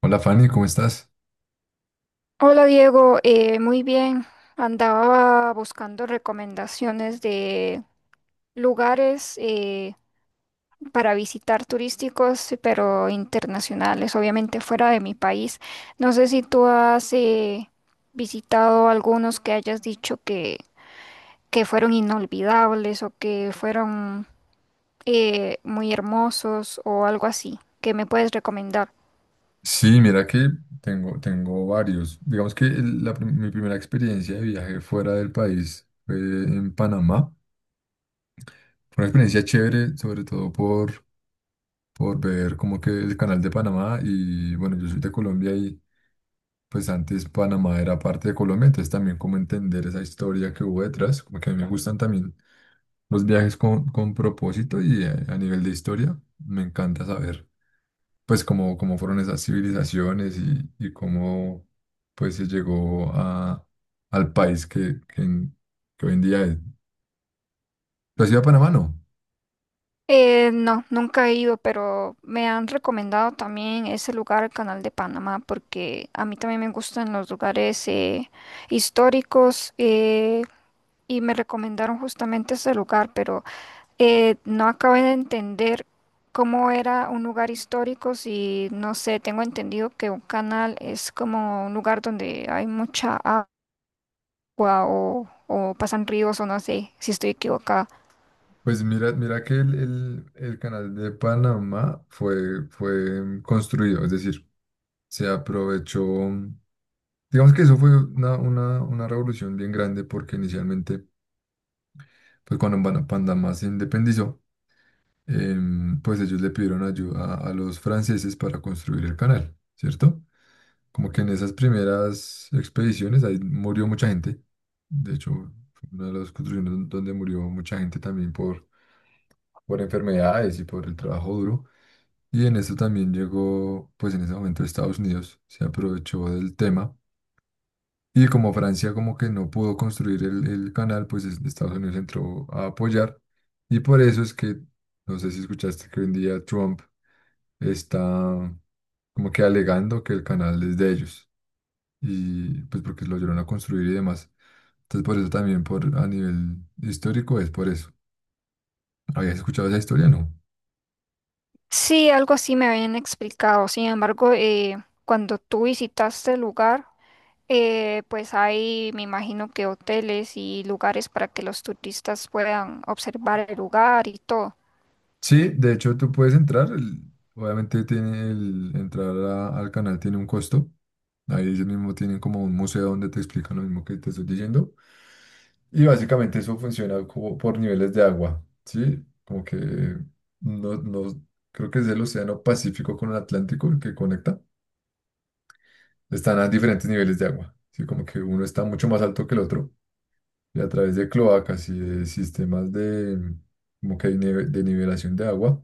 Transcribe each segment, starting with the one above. Hola Fanny, ¿cómo estás? Hola Diego, muy bien. Andaba buscando recomendaciones de lugares para visitar turísticos, pero internacionales, obviamente fuera de mi país. No sé si tú has visitado algunos que hayas dicho que fueron inolvidables o que fueron muy hermosos o algo así. ¿Qué me puedes recomendar? Sí, mira que tengo varios. Digamos que mi primera experiencia de viaje fuera del país fue en Panamá. Fue una experiencia chévere, sobre todo por ver como que el canal de Panamá y bueno, yo soy de Colombia y pues antes Panamá era parte de Colombia, entonces también como entender esa historia que hubo detrás, como que a mí me gustan también los viajes con propósito y a nivel de historia, me encanta saber. Pues cómo fueron esas civilizaciones y cómo pues se llegó al país que hoy en día es. ¿Tú has ido a Panamá, no? No, nunca he ido, pero me han recomendado también ese lugar, el Canal de Panamá, porque a mí también me gustan los lugares históricos, y me recomendaron justamente ese lugar, pero no acabé de entender cómo era un lugar histórico, si no sé, tengo entendido que un canal es como un lugar donde hay mucha agua o pasan ríos o no sé si estoy equivocada. Pues mira que el canal de Panamá fue construido, es decir, se aprovechó, digamos que eso fue una revolución bien grande porque inicialmente, pues cuando Panamá se independizó, pues ellos le pidieron ayuda a los franceses para construir el canal, ¿cierto? Como que en esas primeras expediciones ahí murió mucha gente. De hecho, fue una de las construcciones donde murió mucha gente también por enfermedades y por el trabajo duro. Y en eso también llegó, pues en ese momento Estados Unidos se aprovechó del tema. Y como Francia como que no pudo construir el canal, pues Estados Unidos entró a apoyar. Y por eso es que, no sé si escuchaste que hoy en día Trump está como que alegando que el canal es de ellos. Y pues porque lo ayudaron a construir y demás. Entonces por eso también por a nivel histórico es por eso. ¿Habías escuchado esa historia? No. Sí, algo así me habían explicado. Sin embargo, cuando tú visitaste el lugar, pues hay, me imagino que hoteles y lugares para que los turistas puedan observar el lugar y todo. Sí, de hecho tú puedes entrar, obviamente tiene el entrar al canal tiene un costo. Ahí ellos mismos tienen como un museo donde te explican lo mismo que te estoy diciendo. Y básicamente eso funciona como por niveles de agua, ¿sí? Como que no creo que es el Océano Pacífico con el Atlántico el que conecta. Están a diferentes niveles de agua, ¿sí? Como que uno está mucho más alto que el otro. Y a través de cloacas y de sistemas de, como que de de nivelación de agua.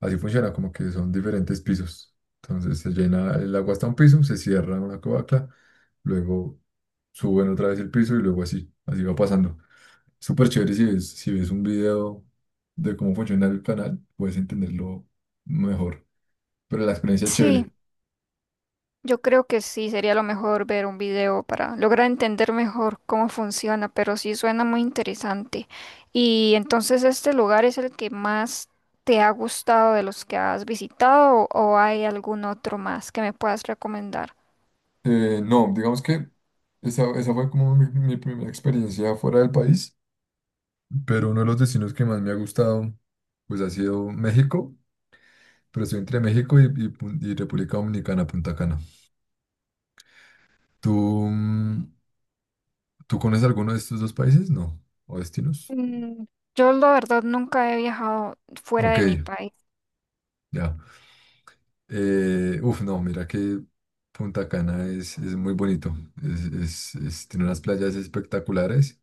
Así funciona, como que son diferentes pisos. Entonces se llena el agua hasta un piso, se cierra una cloaca, luego suben otra vez el piso y luego así va pasando. Súper chévere si ves un video de cómo funciona el canal, puedes entenderlo mejor. Pero la experiencia es Sí, chévere. yo creo que sí, sería lo mejor ver un video para lograr entender mejor cómo funciona, pero sí suena muy interesante. Y entonces, ¿este lugar es el que más te ha gustado de los que has visitado o hay algún otro más que me puedas recomendar? No, digamos que esa fue como mi primera experiencia fuera del país. Pero uno de los destinos que más me ha gustado, pues ha sido México, pero estoy entre México y República Dominicana, Punta Cana. ¿Tú, mm, tú conoces alguno de estos dos países? No, o destinos. Mm, yo la verdad nunca he viajado fuera Ok, de mi país, ya. Uf, no, mira que Punta Cana es muy bonito, es, tiene unas playas espectaculares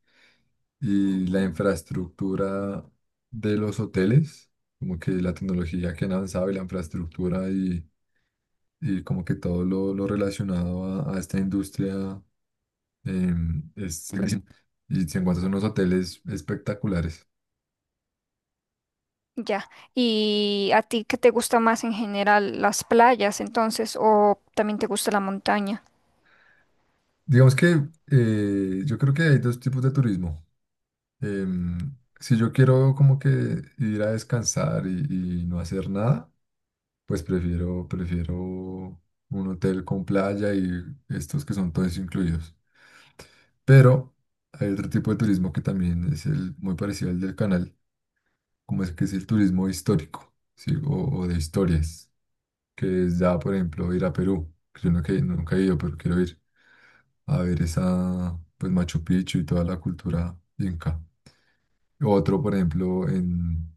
y la infraestructura de los hoteles, como que la tecnología que han avanzado y la infraestructura y como que todo lo relacionado a esta industria es carísimo. Y se encuentran unos hoteles espectaculares. ya. ¿Y a ti qué te gusta más en general, las playas entonces, o también te gusta la montaña? Digamos que yo creo que hay dos tipos de turismo. Em, si yo quiero como que ir a descansar y no hacer nada, pues prefiero un hotel con playa y estos que son todos incluidos. Pero hay otro tipo de turismo que también es el, muy parecido al del canal como es que es el turismo histórico, ¿sí? O de historias, que es ya, por ejemplo, ir a Perú, que yo nunca, nunca he ido, pero quiero ir a ver esa, pues Machu Picchu y toda la cultura inca. Otro, por ejemplo, en,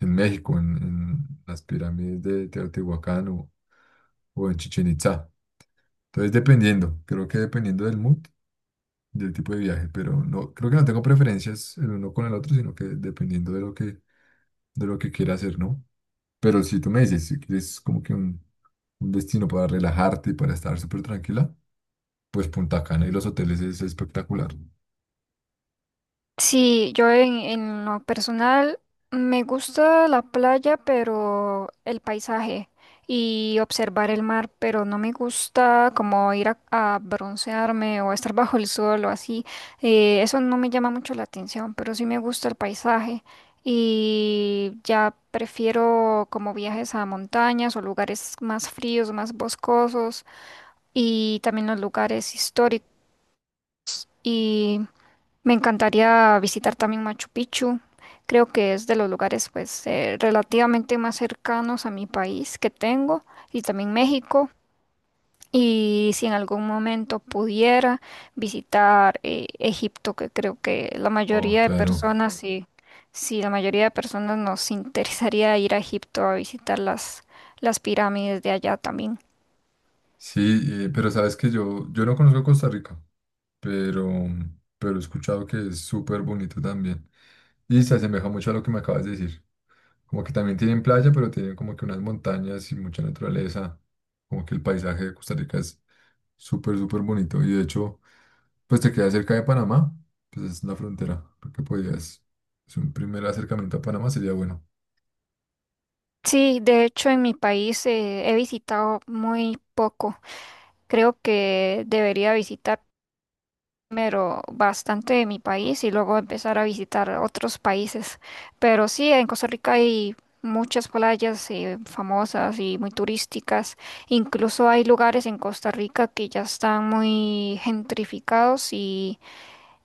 en México, en las pirámides de Teotihuacán o en Chichén Itzá. Entonces, dependiendo, creo que dependiendo del mood, del tipo de viaje, pero no, creo que no tengo preferencias el uno con el otro, sino que dependiendo de lo que quiera hacer, ¿no? Pero si tú me dices, si quieres como que un destino para relajarte y para estar súper tranquila, pues Punta Cana y los hoteles es espectacular. Sí, yo en lo personal me gusta la playa, pero el paisaje y observar el mar, pero no me gusta como ir a broncearme o estar bajo el sol o así. Eso no me llama mucho la atención, pero sí me gusta el paisaje y ya prefiero como viajes a montañas o lugares más fríos, más boscosos y también los lugares históricos. Me encantaría visitar también Machu Picchu. Creo que es de los lugares pues relativamente más cercanos a mi país que tengo y también México. Y si en algún momento pudiera visitar Egipto, que creo que la Oh, mayoría de claro. personas, sí, sí, la mayoría de personas nos interesaría ir a Egipto a visitar las pirámides de allá también. Sí, pero sabes que yo no conozco Costa Rica, pero, pero he escuchado que es súper bonito también. Y se asemeja mucho a lo que me acabas de decir. Como que también tienen playa, pero tienen como que unas montañas y mucha naturaleza. Como que el paisaje de Costa Rica es súper, súper bonito. Y de hecho... Pues te queda cerca de Panamá, pues es la frontera. Creo que podías, es un primer acercamiento a Panamá sería bueno. Sí, de hecho en mi país he visitado muy poco. Creo que debería visitar primero bastante de mi país y luego empezar a visitar otros países. Pero sí, en Costa Rica hay muchas playas famosas y muy turísticas. Incluso hay lugares en Costa Rica que ya están muy gentrificados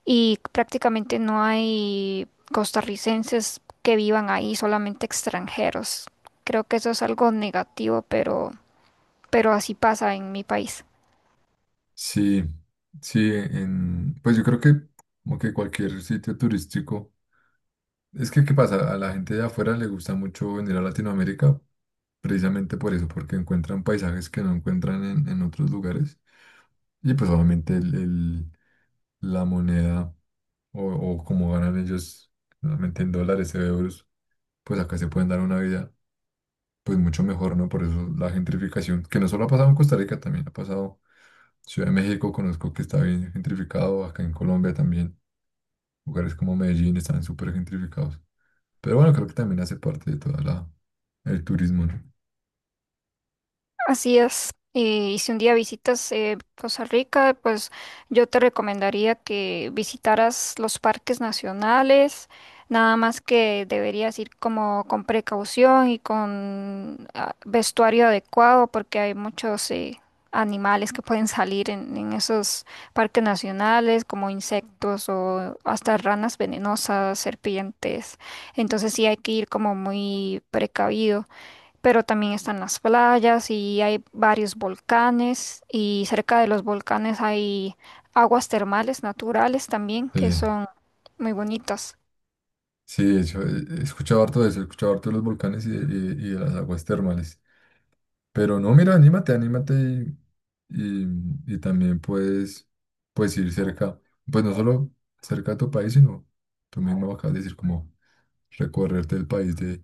y prácticamente no hay costarricenses que vivan ahí, solamente extranjeros. Creo que eso es algo negativo, pero así pasa en mi país. Sí, sí, en, pues yo creo que como que cualquier sitio turístico. Es que, ¿qué pasa? A la gente de afuera le gusta mucho venir a Latinoamérica precisamente por eso, porque encuentran paisajes que no encuentran en otros lugares. Y pues obviamente la moneda o como ganan ellos, normalmente en dólares o euros, pues acá se pueden dar una vida pues mucho mejor, ¿no? Por eso la gentrificación, que no solo ha pasado en Costa Rica, también ha pasado en Ciudad de México, conozco que está bien gentrificado, acá en Colombia también, lugares como Medellín están súper gentrificados. Pero bueno, creo que también hace parte de toda la, el turismo, ¿no? Así es. Y si un día visitas Costa Rica, pues yo te recomendaría que visitaras los parques nacionales, nada más que deberías ir como con precaución y con vestuario adecuado porque hay muchos animales que pueden salir en esos parques nacionales, como insectos o hasta ranas venenosas, serpientes. Entonces sí hay que ir como muy precavido, pero también están las playas y hay varios volcanes y cerca de los volcanes hay aguas termales naturales también Sí, que son muy bonitas. sí, eso, he escuchado harto de eso, he escuchado harto de los volcanes y de las aguas termales. Pero no, mira, anímate y, y también puedes ir cerca, pues no solo cerca de tu país, sino tú mismo acabas de decir como recorrerte el país de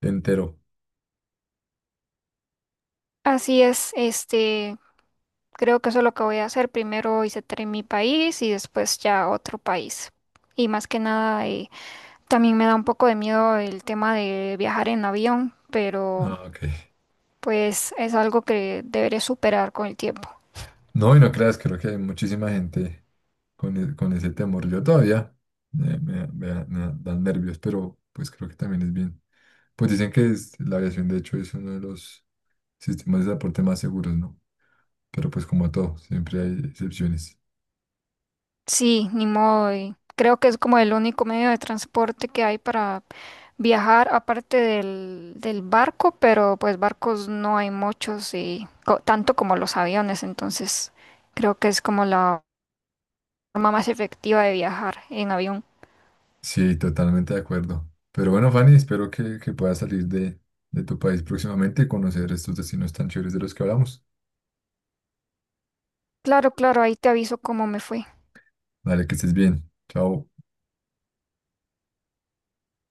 entero. Así es, este, creo que eso es lo que voy a hacer. Primero visitaré mi país y después ya otro país. Y más que nada, también me da un poco de miedo el tema de viajar en avión, pero Ah, ok. pues es algo que deberé superar con el tiempo. No, y no creas, creo que hay muchísima gente con ese temor. Yo todavía me dan nervios, pero pues creo que también es bien. Pues dicen que la aviación, de hecho, es uno de los sistemas de transporte más seguros, ¿no? Pero pues como todo, siempre hay excepciones. Sí, ni modo. Y creo que es como el único medio de transporte que hay para viajar, aparte del barco, pero pues barcos no hay muchos y co- tanto como los aviones, entonces creo que es como la forma más efectiva de viajar en avión. Sí, totalmente de acuerdo. Pero bueno, Fanny, espero que puedas salir de tu país próximamente y conocer estos destinos tan chéveres de los que hablamos. Claro, claro, ahí te aviso cómo me fue. Dale, que estés bien. Chao.